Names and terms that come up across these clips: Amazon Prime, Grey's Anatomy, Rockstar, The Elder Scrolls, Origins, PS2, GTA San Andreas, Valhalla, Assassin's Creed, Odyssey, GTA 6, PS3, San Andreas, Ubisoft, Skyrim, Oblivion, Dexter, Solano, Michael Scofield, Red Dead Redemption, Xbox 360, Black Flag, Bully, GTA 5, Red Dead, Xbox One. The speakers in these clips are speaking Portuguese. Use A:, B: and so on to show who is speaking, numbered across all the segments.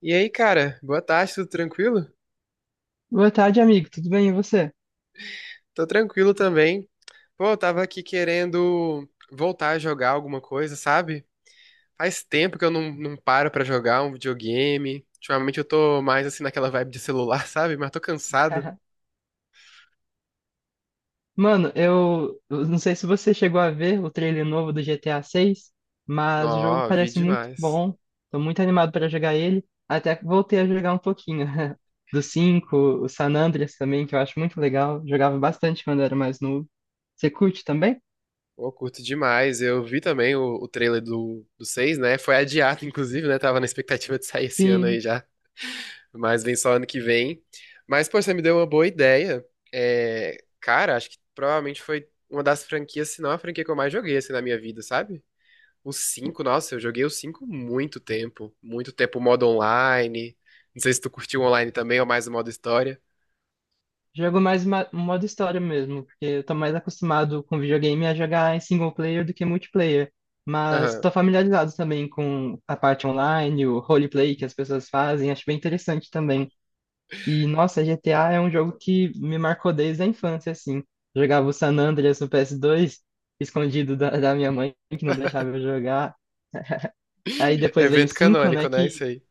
A: E aí, cara, boa tarde, tudo tranquilo?
B: Boa tarde, amigo. Tudo bem? E você?
A: Tô tranquilo também. Pô, eu tava aqui querendo voltar a jogar alguma coisa, sabe? Faz tempo que eu não paro pra jogar um videogame. Ultimamente eu tô mais assim naquela vibe de celular, sabe? Mas tô cansado.
B: Mano, eu não sei se você chegou a ver o trailer novo do GTA 6, mas o jogo
A: Nó, vi
B: parece muito
A: demais.
B: bom. Tô muito animado para jogar ele. Até que voltei a jogar um pouquinho do 5, o San Andreas também, que eu acho muito legal. Jogava bastante quando era mais novo. Você curte também?
A: Pô, curto demais. Eu vi também o trailer do 6, né? Foi adiado, inclusive, né? Tava na expectativa de sair esse ano aí
B: Sim,
A: já. Mas vem só ano que vem. Mas, pô, você me deu uma boa ideia. É, cara, acho que provavelmente foi uma das franquias, se não a franquia que eu mais joguei, assim, na minha vida, sabe? O 5, nossa, eu joguei o 5 muito tempo. Muito tempo, o modo online. Não sei se tu curtiu o online também, ou mais o modo história.
B: jogo mais modo história mesmo, porque eu tô mais acostumado com videogame a jogar em single player do que multiplayer. Mas
A: Aham.
B: tô familiarizado também com a parte online, o roleplay que as pessoas fazem, acho bem interessante também. E, nossa, GTA é um jogo que me marcou desde a infância, assim. Jogava o San Andreas no PS2, escondido da minha mãe, que não deixava eu jogar. Aí depois veio o
A: Evento
B: 5, né,
A: canônico, né? Isso
B: que
A: aí.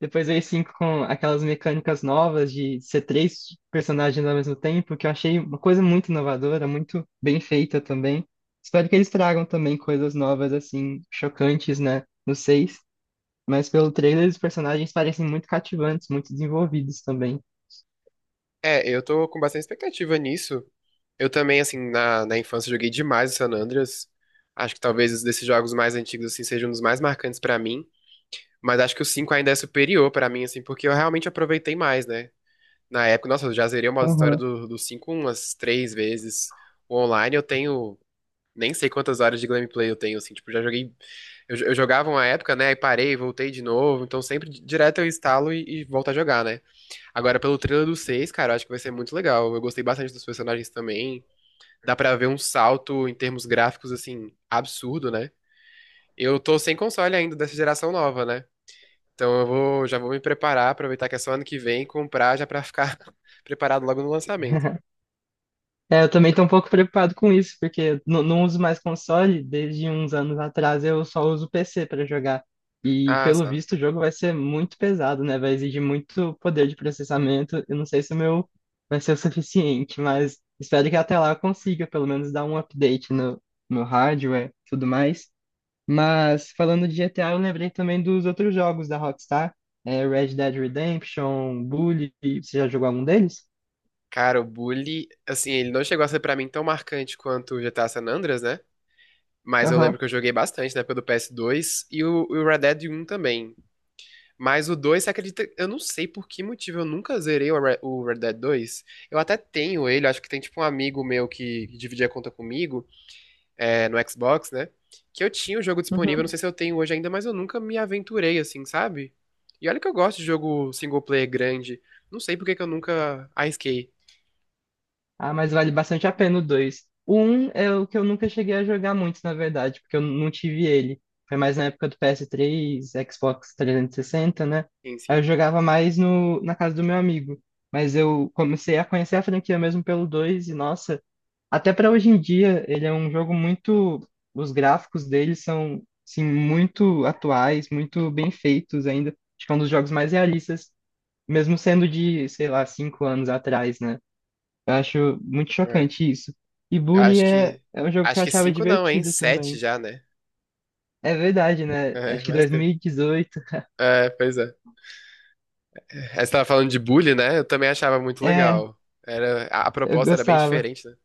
B: depois veio 5 com aquelas mecânicas novas de ser três personagens ao mesmo tempo, que eu achei uma coisa muito inovadora, muito bem feita também. Espero que eles tragam também coisas novas, assim, chocantes, né, no 6. Mas pelo trailer, os personagens parecem muito cativantes, muito desenvolvidos também.
A: É, eu tô com bastante expectativa nisso. Eu também, assim, na infância joguei demais o San Andreas. Acho que talvez os desses jogos mais antigos, assim, seja um dos mais marcantes pra mim. Mas acho que o 5 ainda é superior pra mim, assim, porque eu realmente aproveitei mais, né? Na época, nossa, eu já zerei o modo história
B: Aham.
A: do 5 umas três vezes. O online eu tenho nem sei quantas horas de gameplay eu tenho, assim, tipo, já joguei. Eu jogava uma época, né? E parei, voltei de novo. Então sempre direto eu instalo e volto a jogar, né? Agora, pelo trailer do 6 cara, eu acho que vai ser muito legal. Eu gostei bastante dos personagens também. Dá pra ver um salto em termos gráficos, assim, absurdo, né? Eu tô sem console ainda dessa geração nova, né? Então eu vou, já vou me preparar, aproveitar que é só ano que vem, comprar já pra ficar preparado logo no lançamento.
B: É, eu também tô um pouco preocupado com isso, porque eu não uso mais console, desde uns anos atrás eu só uso PC para jogar. E
A: Ah,
B: pelo
A: só.
B: visto o jogo vai ser muito pesado, né? Vai exigir muito poder de processamento. Eu não sei se o meu vai ser o suficiente, mas espero que até lá eu consiga pelo menos dar um update no hardware, tudo mais. Mas falando de GTA, eu lembrei também dos outros jogos da Rockstar, é, Red Dead Redemption, Bully, você já jogou algum deles?
A: Cara, o Bully, assim, ele não chegou a ser pra mim tão marcante quanto o GTA San Andreas, né? Mas eu
B: Aham.
A: lembro que eu joguei bastante na época do PS2 e o Red Dead um também. Mas o 2, você acredita? Eu não sei por que motivo eu nunca zerei o o Red Dead dois. Eu até tenho ele, acho que tem tipo um amigo meu que dividia a conta comigo. É, no Xbox, né? Que eu tinha o jogo disponível, não
B: Uhum.
A: sei se eu tenho hoje ainda, mas eu nunca me aventurei assim, sabe? E olha que eu gosto de jogo single player grande. Não sei por que que eu nunca arrisquei,
B: Ah, mas vale bastante a pena o 2. O 1 é o que eu nunca cheguei a jogar muito, na verdade, porque eu não tive ele. Foi mais na época do PS3, Xbox 360, né? Aí eu
A: enfim.
B: jogava mais no, na casa do meu amigo. Mas eu comecei a conhecer a franquia mesmo pelo 2 e, nossa, até pra hoje em dia, ele é um jogo muito. Os gráficos dele são, assim, muito atuais, muito bem feitos ainda. Acho que é um dos jogos mais realistas, mesmo sendo de, sei lá, 5 anos atrás, né? Eu acho muito
A: É.
B: chocante isso. E
A: Eu
B: Bully
A: acho
B: é,
A: que.
B: é um jogo que eu
A: Acho que
B: achava
A: cinco não, hein?
B: divertido
A: Sete
B: também.
A: já, né?
B: É verdade, né?
A: É,
B: Acho que
A: mais
B: dois mil
A: tempo.
B: e dezoito
A: É, pois é. É, você tava falando de bullying, né? Eu também achava muito
B: É,
A: legal. Era, a
B: eu
A: proposta era bem
B: gostava.
A: diferente, né?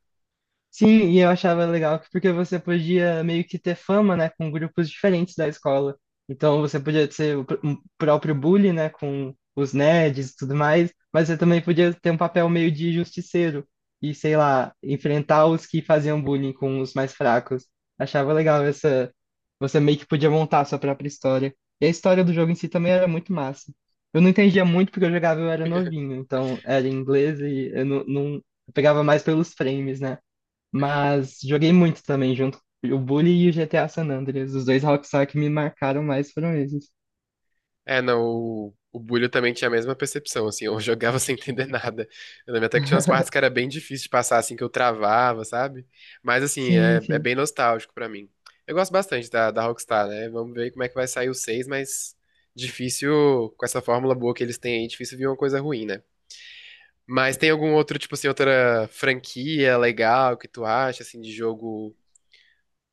B: Sim, e eu achava legal porque você podia meio que ter fama, né, com grupos diferentes da escola. Então você podia ser o um próprio bully, né, com os nerds e tudo mais, mas você também podia ter um papel meio de justiceiro e, sei lá, enfrentar os que faziam bullying com os mais fracos. Achava legal essa. Você meio que podia montar a sua própria história. E a história do jogo em si também era muito massa. Eu não entendia muito porque eu jogava, eu era novinho, então era em inglês e eu não, não- eu pegava mais pelos frames, né? Mas joguei muito também junto. O Bully e o GTA San Andreas. Os dois Rockstar que me marcaram mais foram esses.
A: É, não, o Bulho também tinha a mesma percepção, assim, eu jogava sem entender nada. Eu lembro até que tinha umas partes que era bem difícil de passar, assim, que eu travava, sabe? Mas, assim, é,
B: Sim,
A: é
B: sim.
A: bem nostálgico pra mim. Eu gosto bastante da, da Rockstar, né? Vamos ver como é que vai sair o 6, mas difícil, com essa fórmula boa que eles têm aí, difícil vir uma coisa ruim, né? Mas tem algum outro, tipo assim, outra franquia legal que tu acha, assim, de jogo,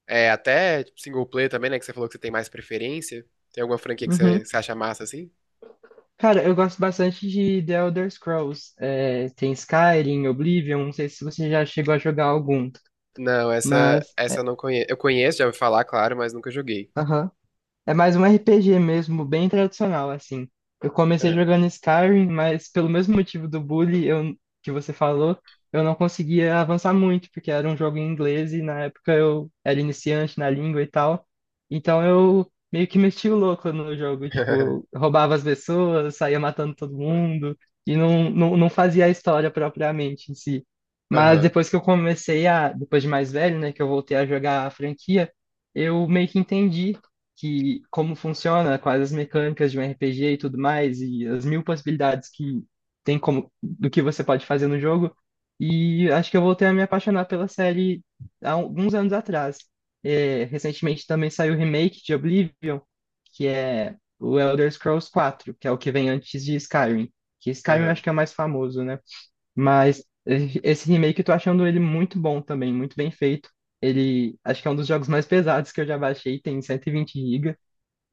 A: é, até tipo, single player também, né, que você falou que você tem mais preferência? Tem alguma franquia que
B: Uhum.
A: você acha massa, assim?
B: Cara, eu gosto bastante de The Elder Scrolls. É, tem Skyrim, Oblivion. Não sei se você já chegou a jogar algum.
A: Não, essa,
B: Mas.
A: essa eu não conheço. Eu conheço, já ouvi falar, claro, mas nunca joguei.
B: Aham. É mais um RPG mesmo, bem tradicional, assim. Eu comecei
A: É.
B: jogando Skyrim, mas pelo mesmo motivo do bully eu, que você falou, eu não conseguia avançar muito, porque era um jogo em inglês e na época eu era iniciante na língua e tal. Então eu meio que meti o louco no jogo, tipo, eu roubava as pessoas, saía matando todo mundo e não fazia a história propriamente em si. Mas
A: Aham,
B: depois que eu comecei a, depois de mais velho, né, que eu voltei a jogar a franquia, eu meio que entendi que como funciona, quais as mecânicas de um RPG e tudo mais, e as mil possibilidades que tem como do que você pode fazer no jogo. E acho que eu voltei a me apaixonar pela série há alguns anos atrás. É, recentemente também saiu o remake de Oblivion, que é o Elder Scrolls 4, que é o que vem antes de Skyrim. Que Skyrim eu acho
A: aham.
B: que é o mais famoso, né? Mas esse remake eu tô achando ele muito bom também, muito bem feito. Ele acho que é um dos jogos mais pesados que eu já baixei, tem 120 GB.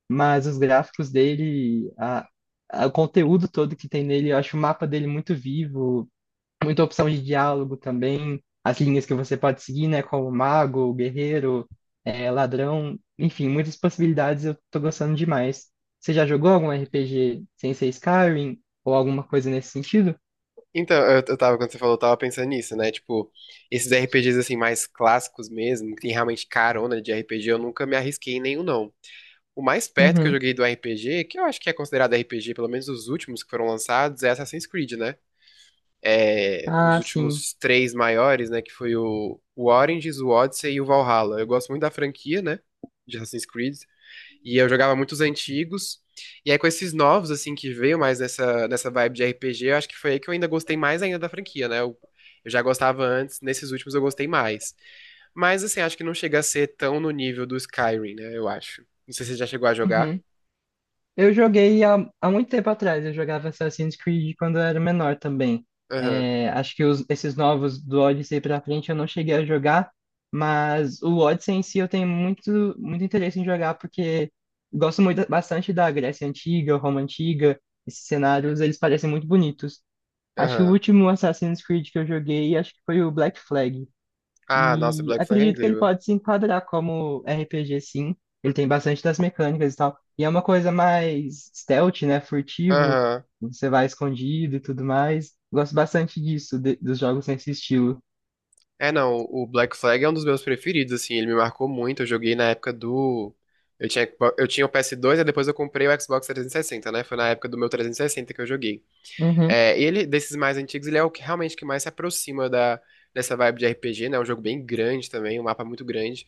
B: Mas os gráficos dele, o conteúdo todo que tem nele, eu acho o mapa dele muito vivo, muita opção de diálogo também, as linhas que você pode seguir, né, como mago, guerreiro, ladrão, enfim, muitas possibilidades eu tô gostando demais. Você já jogou algum RPG sem ser Skyrim ou alguma coisa nesse sentido?
A: Então, eu tava, quando você falou, eu tava pensando nisso, né? Tipo, esses RPGs assim, mais clássicos mesmo, que tem realmente carona de RPG, eu nunca me arrisquei em nenhum, não. O mais perto que eu
B: Uhum.
A: joguei do RPG, que eu acho que é considerado RPG, pelo menos os últimos que foram lançados, é Assassin's Creed, né? É, os
B: Ah, sim.
A: últimos três maiores, né? Que foi o Origins, o Odyssey e o Valhalla. Eu gosto muito da franquia, né? De Assassin's Creed. E eu jogava muitos antigos. E aí, com esses novos, assim, que veio mais nessa vibe de RPG, eu acho que foi aí que eu ainda gostei mais ainda da franquia, né? Eu já gostava antes, nesses últimos eu gostei mais. Mas, assim, acho que não chega a ser tão no nível do Skyrim, né? Eu acho. Não sei se você já chegou a jogar.
B: Uhum. Eu joguei há muito tempo atrás, eu jogava Assassin's Creed quando eu era menor também.
A: Aham,
B: É, acho que esses novos do Odyssey pra frente eu não cheguei a jogar, mas o Odyssey em si eu tenho muito, muito interesse em jogar porque gosto muito, bastante da Grécia Antiga, Roma Antiga, esses cenários, eles parecem muito bonitos. Acho que o
A: aham.
B: último Assassin's Creed que eu joguei, acho que foi o Black Flag.
A: Ah, nossa,
B: E
A: Black Flag é
B: acredito que ele
A: incrível.
B: pode se enquadrar como RPG, sim. Ele tem bastante das mecânicas e tal. E é uma coisa mais stealth, né? Furtivo.
A: Aham.
B: Você vai escondido e tudo mais. Gosto bastante disso, dos jogos nesse estilo.
A: É, não, o Black Flag é um dos meus preferidos, assim, ele me marcou muito. Eu joguei na época do. Eu tinha, eu tinha o PS2 e depois eu comprei o Xbox 360, né? Foi na época do meu 360 que eu joguei.
B: Uhum.
A: É, ele, desses mais antigos, ele é o que realmente que mais se aproxima da, dessa vibe de RPG, né? É um jogo bem grande também, um mapa muito grande.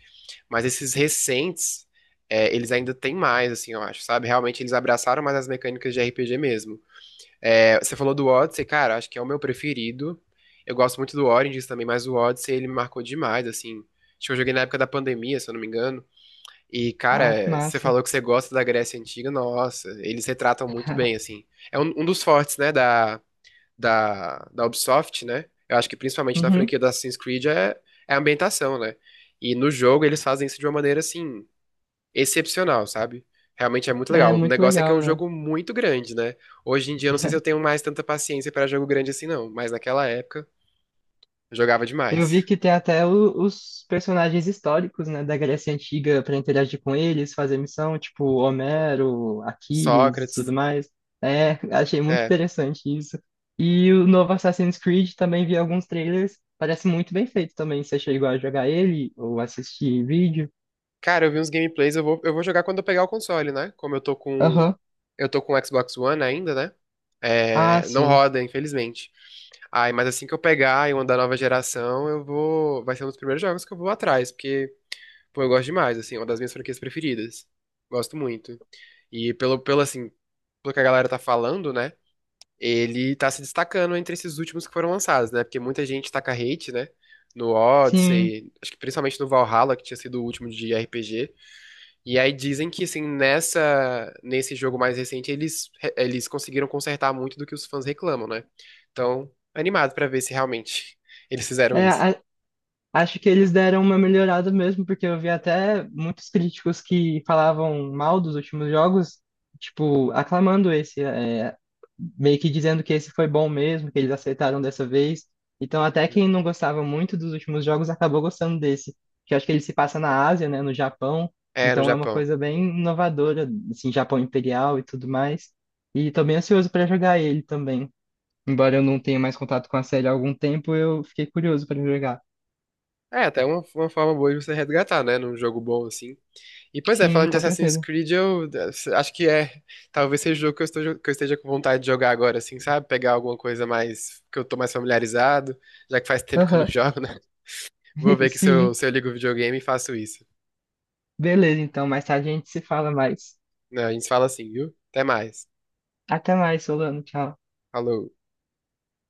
A: Mas esses recentes, é, eles ainda têm mais, assim, eu acho, sabe? Realmente eles abraçaram mais as mecânicas de RPG mesmo. É, você falou do Odyssey, cara, acho que é o meu preferido. Eu gosto muito do Origins também, mas o Odyssey ele me marcou demais, assim. Acho que eu joguei na época da pandemia, se eu não me engano. E,
B: Ah, que
A: cara, você
B: massa.
A: falou que você gosta da Grécia Antiga, nossa, eles retratam muito bem, assim. É um, um dos fortes, né, da, da Ubisoft, né? Eu acho que principalmente na
B: Uhum.
A: franquia do Assassin's Creed é, é a ambientação, né? E no jogo eles fazem isso de uma maneira, assim, excepcional, sabe? Realmente é muito
B: É
A: legal. O
B: muito
A: negócio é que é
B: legal,
A: um
B: né?
A: jogo muito grande, né? Hoje em dia eu não sei se eu tenho mais tanta paciência para jogo grande assim, não. Mas naquela época eu jogava
B: Eu vi
A: demais.
B: que tem até os personagens históricos, né, da Grécia Antiga para interagir com eles, fazer missão, tipo Homero, Aquiles e
A: Sócrates,
B: tudo mais. É, achei muito
A: é.
B: interessante isso. E o novo Assassin's Creed também vi alguns trailers, parece muito bem feito também. Você chegou a jogar ele ou assistir vídeo?
A: Cara, eu vi uns gameplays, eu vou jogar quando eu pegar o console, né? Como eu tô com.
B: Aham.
A: Eu tô com o Xbox One ainda, né?
B: Ah,
A: É, não
B: sim.
A: roda, infelizmente. Ai, mas assim que eu pegar e uma da nova geração, eu vou. Vai ser um dos primeiros jogos que eu vou atrás, porque, pô, eu gosto demais, assim, é uma das minhas franquias preferidas. Gosto muito. E pelo, pelo assim, pelo que a galera tá falando, né? Ele tá se destacando entre esses últimos que foram lançados, né? Porque muita gente taca hate, né? No
B: Sim.
A: Odyssey, acho que principalmente no Valhalla, que tinha sido o último de RPG. E aí dizem que assim, nessa nesse jogo mais recente eles conseguiram consertar muito do que os fãs reclamam, né? Então, animado pra ver se realmente eles fizeram
B: É,
A: isso.
B: a- Acho que eles deram uma melhorada mesmo, porque eu vi até muitos críticos que falavam mal dos últimos jogos, tipo, aclamando esse, é, meio que dizendo que esse foi bom mesmo, que eles aceitaram dessa vez. Então, até quem não gostava muito dos últimos jogos acabou gostando desse, que eu acho que ele se passa na Ásia, né, no Japão.
A: É, no
B: Então, é uma
A: Japão.
B: coisa bem inovadora, assim, Japão Imperial e tudo mais. E tô bem ansioso para jogar ele também. Embora eu não tenha mais contato com a série há algum tempo, eu fiquei curioso para jogar.
A: É, até uma forma boa de você resgatar, né? Num jogo bom assim. E pois é,
B: Sim,
A: falando de
B: com
A: Assassin's
B: certeza.
A: Creed, eu, acho que é. Talvez seja o jogo que eu esteja com vontade de jogar agora, assim, sabe? Pegar alguma coisa mais. Que eu tô mais familiarizado, já que faz tempo que eu não
B: Aham.
A: jogo, né? Vou ver que se eu,
B: Sim.
A: se eu ligo o videogame e faço isso.
B: Beleza, então, mais tarde a gente se fala mais.
A: Né, a gente fala assim, viu? Até mais.
B: Até mais, Solano. Tchau.
A: Falou.